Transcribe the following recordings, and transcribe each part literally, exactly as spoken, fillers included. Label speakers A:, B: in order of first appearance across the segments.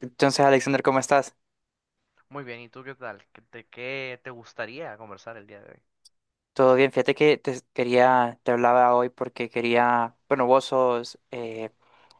A: Entonces, Alexander, ¿cómo estás?
B: Muy bien, ¿y tú qué tal? ¿Qué te, qué te gustaría conversar el día de hoy?
A: Todo bien, fíjate que te quería, te hablaba hoy porque quería, bueno, vos sos eh,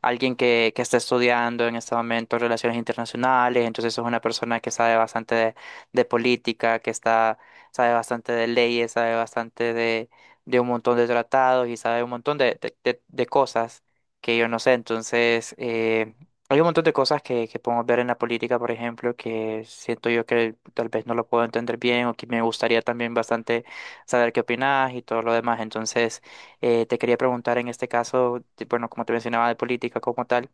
A: alguien que, que está estudiando en este momento relaciones internacionales, entonces sos una persona que sabe bastante de, de política, que está, sabe bastante de leyes, sabe bastante de, de un montón de tratados y sabe un montón de, de, de- de cosas que yo no sé. Entonces, eh, hay un montón de cosas que, que podemos ver en la política, por ejemplo, que siento yo que tal vez no lo puedo entender bien o que me gustaría también bastante saber qué opinas y todo lo demás. Entonces, eh, te quería preguntar en este caso, de- bueno, como te mencionaba de política como tal,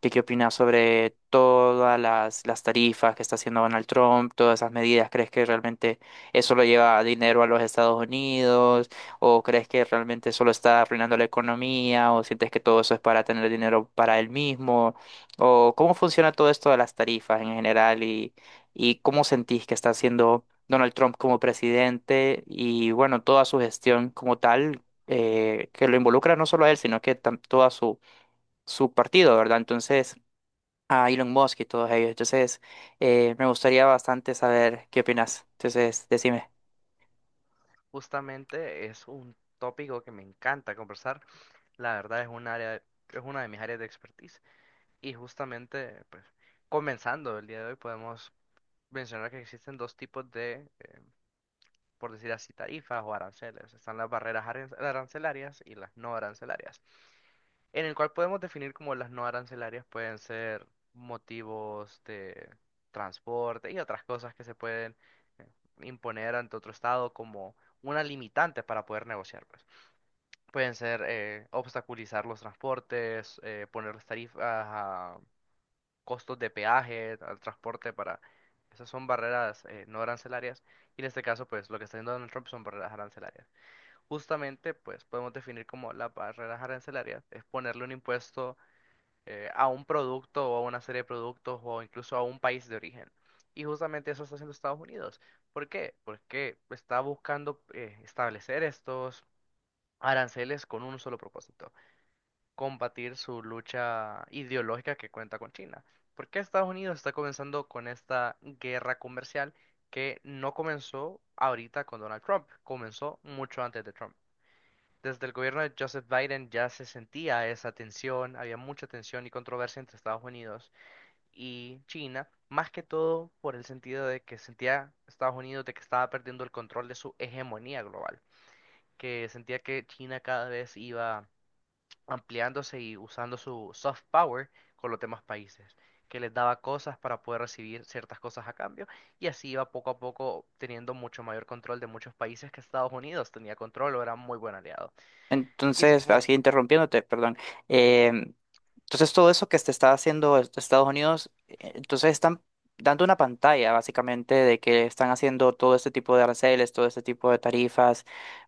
A: que qué opinas sobre todas las, las tarifas que está haciendo Donald Trump, todas esas medidas. ¿Crees que realmente eso lo lleva dinero a los Estados Unidos? ¿O crees que realmente solo está arruinando la economía? ¿O sientes que todo eso es para tener dinero para él mismo? ¿O cómo funciona todo esto de las tarifas en general y, y cómo sentís que está haciendo Donald Trump como presidente y bueno, toda su gestión como tal, eh, que lo involucra no solo a él, sino que tam- toda su, su partido, ¿verdad? Entonces, a Elon Musk y todos ellos. Entonces, eh, me gustaría bastante saber qué opinas. Entonces, decime.
B: Justamente es un tópico que me encanta conversar. La verdad es un área, es una de mis áreas de expertise. Y justamente, pues, comenzando el día de hoy, podemos mencionar que existen dos tipos de, eh, por decir así, tarifas o aranceles. Están las barreras aran- arancelarias y las no arancelarias. En el cual podemos definir como las no arancelarias pueden ser motivos de transporte y otras cosas que se pueden eh, imponer ante otro estado como una limitante para poder negociar, pues. Pueden ser eh, obstaculizar los transportes, eh, poner tarifas a costos de peaje al transporte para… Esas son barreras eh, no arancelarias y en este caso pues lo que está haciendo Donald Trump son barreras arancelarias. Justamente pues podemos definir como las barreras arancelarias es ponerle un impuesto eh, a un producto o a una serie de productos o incluso a un país de origen. Y justamente eso está haciendo Estados Unidos. ¿Por qué? Porque está buscando eh, establecer estos aranceles con un solo propósito, combatir su lucha ideológica que cuenta con China. ¿Por qué Estados Unidos está comenzando con esta guerra comercial que no comenzó ahorita con Donald Trump, comenzó mucho antes de Trump? Desde el gobierno de Joseph Biden ya se sentía esa tensión, había mucha tensión y controversia entre Estados Unidos y China, más que todo por el sentido de que sentía Estados Unidos de que estaba perdiendo el control de su hegemonía global, que sentía que China cada vez iba ampliándose y usando su soft power con los demás países, que les daba cosas para poder recibir ciertas cosas a cambio y así iba poco a poco teniendo mucho mayor control de muchos países que Estados Unidos tenía control o era muy buen aliado. Y así
A: Entonces,
B: podemos…
A: así interrumpiéndote, perdón. Eh, entonces, todo eso que te está haciendo est- Estados Unidos, eh, entonces están dando una pantalla básicamente de que están haciendo todo este tipo de aranceles, todo este tipo de tarifas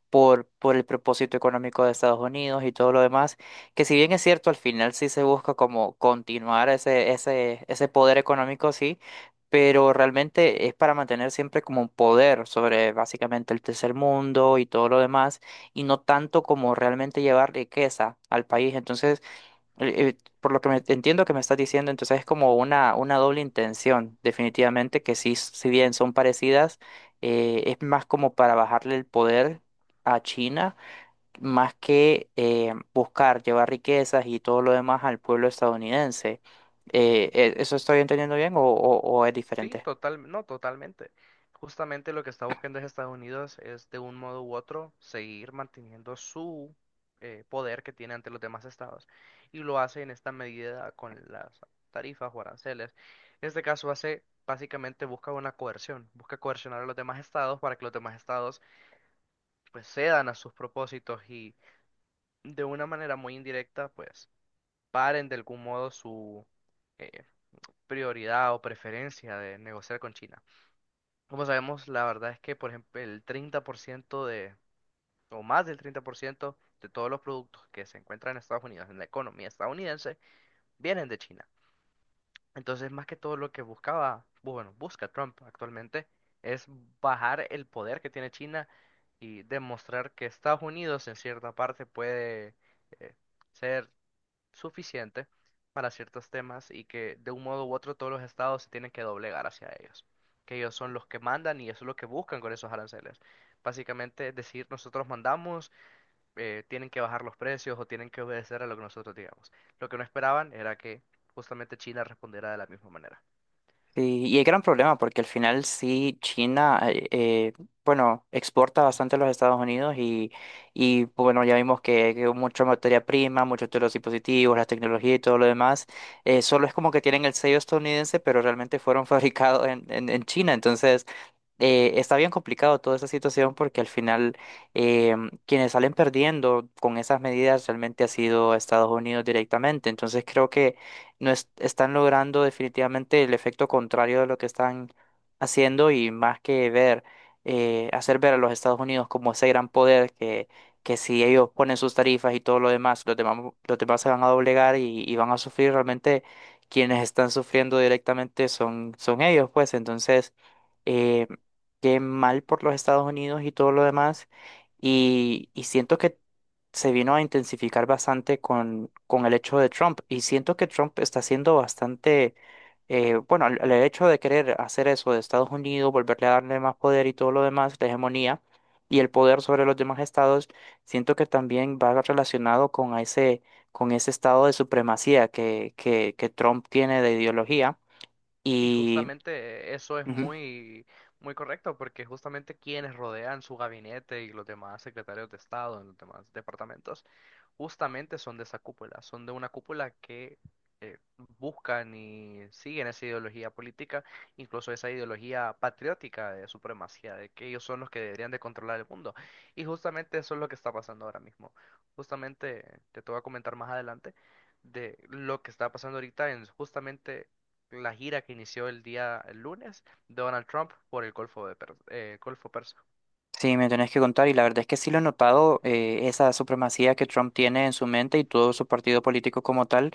A: por, por el propósito económico de Estados Unidos y todo lo demás, que si bien es cierto, al final sí se busca como continuar ese, ese, ese poder económico, sí, pero realmente es para mantener siempre como un poder sobre básicamente el tercer mundo y todo lo demás, y no tanto como realmente llevar riqueza al país. Entonces, eh, eh, por lo que me, entiendo que me estás diciendo, entonces es como una, una doble intención, definitivamente, que sí, si bien son parecidas, eh, es más como para bajarle el poder a China, más que eh, buscar llevar riquezas y todo lo demás al pueblo estadounidense. Eh, eh, ¿eso estoy entendiendo bien o, o- o es
B: Sí,
A: diferente?
B: total, no, totalmente. Justamente lo que está buscando es Estados Unidos es de un modo u otro seguir manteniendo su eh, poder que tiene ante los demás estados y lo hace en esta medida con las tarifas o aranceles. En este caso hace básicamente busca una coerción, busca coercionar a los demás estados para que los demás estados pues cedan a sus propósitos y de una manera muy indirecta pues paren de algún modo su eh, prioridad o preferencia de negociar con China. Como sabemos, la verdad es que, por ejemplo, el treinta por ciento de, o más del treinta por ciento de todos los productos que se encuentran en Estados Unidos, en la economía estadounidense, vienen de China. Entonces, más que todo lo que buscaba, bu- bueno, busca Trump actualmente, es bajar el poder que tiene China y demostrar que Estados Unidos en cierta parte puede eh, ser suficiente para ciertos temas y que de un modo u otro todos los estados se tienen que doblegar hacia ellos, que ellos son los que mandan y eso es lo que buscan con esos aranceles. Básicamente decir nosotros mandamos, eh, tienen que bajar los precios o tienen que obedecer a lo que nosotros digamos. Lo que no esperaban era que justamente China respondiera de la misma manera.
A: Sí, y hay gran problema porque al final sí China, eh, eh, bueno, exporta bastante a los Estados Unidos y, y bueno, ya vimos que, que mucha materia prima, muchos de los dispositivos, la tecnología y todo lo demás, eh, solo es como que tienen el sello estadounidense, pero realmente fueron fabricados en, en, en China. Entonces, eh, está bien complicado toda esa situación porque al final eh, quienes salen perdiendo con esas medidas realmente ha sido Estados Unidos directamente. Entonces creo que no es- están logrando definitivamente el efecto contrario de lo que están haciendo y más que ver, eh, hacer ver a los Estados Unidos como ese gran poder que, que si ellos ponen sus tarifas y todo lo demás, los demás, los demás se van a doblegar y, y van a sufrir realmente. Quienes están sufriendo directamente son, son ellos, pues entonces eh, que mal por los Estados Unidos y todo lo demás. Y, y siento que se vino a intensificar bastante con, con el hecho de Trump. Y siento que Trump está siendo bastante, eh, bueno, el, el hecho de querer hacer eso de Estados Unidos, volverle a darle más poder y todo lo demás, la hegemonía y el poder sobre los demás estados, siento que también va relacionado con a ese, con ese estado de supremacía que, que, que Trump tiene de ideología.
B: Y
A: Y,
B: justamente eh, eso es
A: ujú.
B: muy, muy correcto porque justamente quienes rodean su gabinete y los demás secretarios de Estado en los demás departamentos justamente son de esa cúpula, son de una cúpula que eh, buscan y siguen esa ideología política, incluso esa ideología patriótica de supremacía, de que ellos son los que deberían de controlar el mundo. Y justamente eso es lo que está pasando ahora mismo. Justamente te te voy a comentar más adelante de lo que está pasando ahorita en justamente la gira que inició el día el lunes de Donald Trump por el Golfo de Per- eh, Golfo Persa.
A: Sí, me tenés que contar, y la verdad es que sí lo he notado, eh, esa supremacía que Trump tiene en su mente y todo su partido político como tal,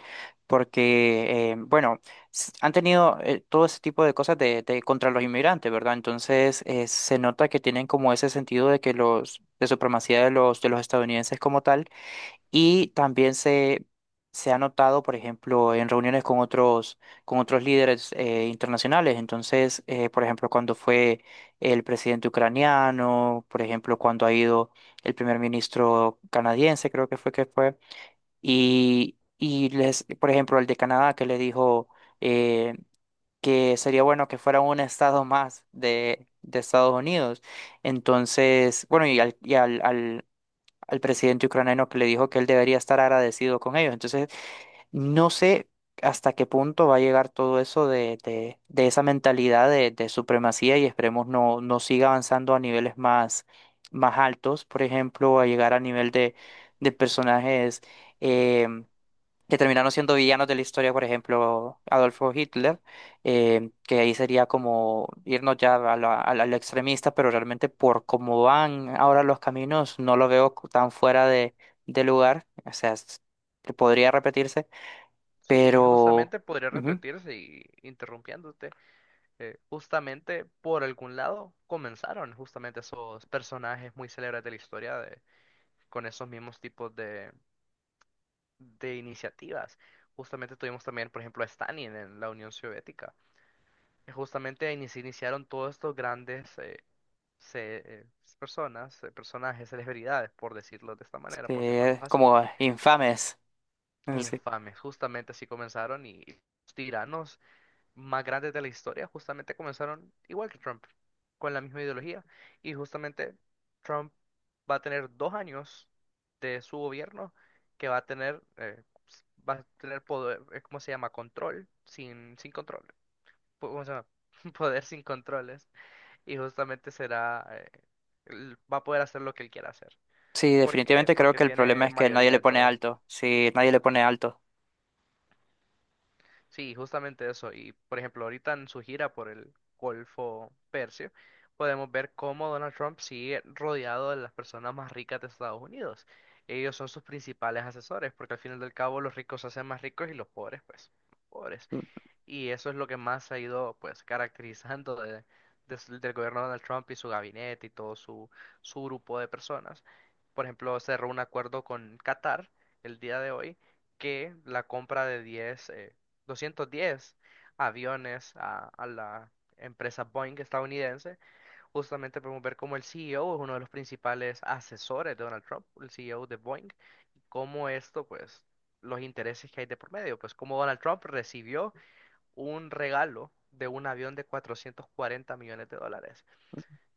A: porque, eh, bueno, s- han tenido eh, todo ese tipo de cosas de, de- contra los inmigrantes, ¿verdad? Entonces, eh, se nota que tienen como ese sentido de que los, de supremacía de los, de los estadounidenses como tal. Y también se, se ha notado, por ejemplo, en reuniones con otros, con otros líderes eh, internacionales. Entonces, eh, por ejemplo, cuando fue el presidente ucraniano, por ejemplo, cuando ha ido el primer ministro canadiense, creo que fue que fue. Y, y les, por ejemplo, el de Canadá que le dijo eh, que sería bueno que fuera un estado más de, de Estados Unidos. Entonces, bueno, y al, al presidente ucraniano que le dijo que él debería estar agradecido con ellos. Entonces, no sé hasta qué punto va a llegar todo eso de, de, de esa mentalidad de, de supremacía y esperemos no, no siga avanzando a niveles más, más altos, por ejemplo, a llegar a nivel de, de personajes. eh, que terminaron siendo villanos de la historia, por ejemplo, Adolfo Hitler, eh, que ahí sería como irnos ya a la- a la- al extremista, pero realmente por cómo van ahora los caminos, no lo veo cu- tan fuera de, de lugar, o sea, es- que podría repetirse,
B: Sí,
A: pero
B: justamente podría
A: ujú,
B: repetirse y interrumpiéndote. Eh, justamente por algún lado comenzaron justamente esos personajes muy célebres de la historia de, con esos mismos tipos de, de iniciativas. Justamente tuvimos también, por ejemplo, a Stalin en la Unión Soviética, que justamente ahí se iniciaron todos estos grandes eh, se- eh, personas, eh, personajes, celebridades, por decirlo de esta manera, por llamarlos
A: eh,
B: así,
A: como infames. Sí.
B: infames. Justamente así comenzaron y los tiranos más grandes de la historia justamente comenzaron igual que Trump, con la misma ideología. Y justamente Trump va a tener dos años de su gobierno que va a tener, eh, s- va a tener poder, eh, ¿cómo se llama? Control sin, sin control. po- ¿Cómo se llama? Poder sin controles. Y justamente será, eh, él va a poder hacer lo que él quiera hacer.
A: Sí,
B: ¿Por qué?
A: definitivamente creo
B: Porque
A: que el problema
B: tiene
A: es que nadie
B: mayoría
A: le
B: en
A: pone
B: todo.
A: alto, sí, nadie le pone alto.
B: Sí, justamente eso. Y por ejemplo, ahorita en su gira por el Golfo Persio, podemos ver cómo Donald Trump sigue rodeado de las personas más ricas de Estados Unidos. Ellos son sus principales asesores, porque al final del cabo los ricos se hacen más ricos y los pobres, pues, pobres.
A: Mm.
B: Y eso es lo que más se ha ido pues caracterizando de- des- del gobierno de Donald Trump y su gabinete y todo su, su grupo de personas. Por ejemplo, cerró un acuerdo con Qatar el día de hoy que la compra de 10, eh, doscientos diez aviones a, a la empresa Boeing estadounidense, justamente podemos ver cómo el C E O es uno de los principales asesores de Donald Trump, el C E O de Boeing, cómo esto pues los intereses que hay de por medio, pues cómo Donald Trump recibió un regalo de un avión de cuatrocientos cuarenta millones de dólares.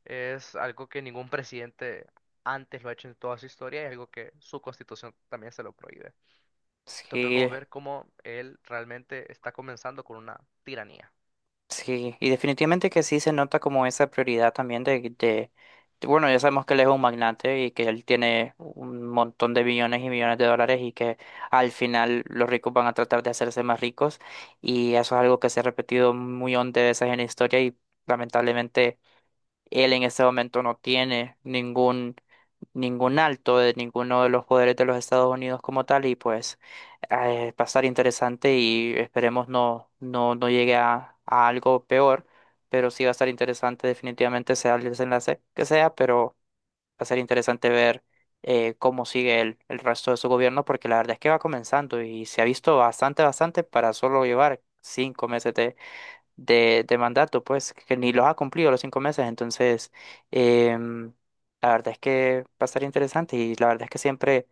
B: Es algo que ningún presidente antes lo ha hecho en toda su historia y es algo que su constitución también se lo prohíbe. Entonces podemos
A: Sí.
B: ver cómo él realmente está comenzando con una tiranía.
A: Sí, y definitivamente que sí se nota como esa prioridad también de, de, de- bueno, ya sabemos que él es un magnate y que él tiene un montón de billones y millones de dólares y que al final los ricos van a tratar de hacerse más ricos y eso es algo que se ha repetido muy millón veces en la historia y lamentablemente él en este momento no tiene ningún, ningún alto de ninguno de los poderes de los Estados Unidos como tal y pues eh, va a estar interesante y esperemos no, no, no llegue a, a algo peor, pero sí va a estar interesante definitivamente sea el desenlace que sea, pero va a ser interesante ver eh, cómo sigue el, el resto de su gobierno porque la verdad es que va comenzando y se ha visto bastante, bastante para solo llevar cinco meses de, de mandato, pues, que ni los ha cumplido los cinco meses. Entonces, em, la verdad es que va a estar interesante y la verdad es que siempre,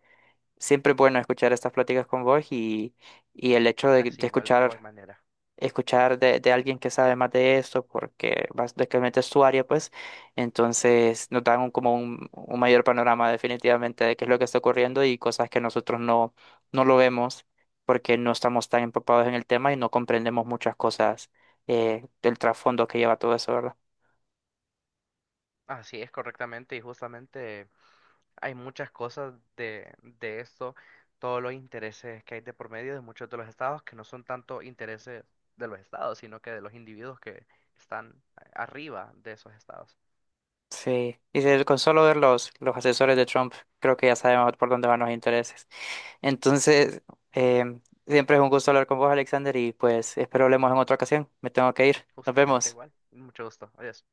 A: siempre es bueno escuchar estas pláticas con vos y, y el hecho de,
B: Así,
A: de
B: igual, de igual
A: escuchar
B: manera.
A: escuchar de, de alguien que sabe más de esto, porque básicamente es su área, pues, entonces nos dan un- como un, un mayor panorama definitivamente de qué es lo que está ocurriendo y cosas que nosotros no, no lo vemos porque no estamos tan empapados en el tema y no comprendemos muchas cosas eh, del trasfondo que lleva todo eso, ¿verdad?
B: Así es correctamente y justamente hay muchas cosas de, de esto, todos los intereses que hay de por medio de muchos de los estados, que no son tanto intereses de los estados, sino que de los individuos que están a- arriba de esos estados.
A: Sí, y de- con solo ver los, los asesores de Trump, creo que ya sabemos por dónde van los intereses. Entonces, em, siempre es un gusto hablar con vos, Alexander, y pues espero hablemos en otra ocasión. Me tengo que ir. Nos
B: Justamente
A: vemos.
B: igual. Mucho gusto. Adiós.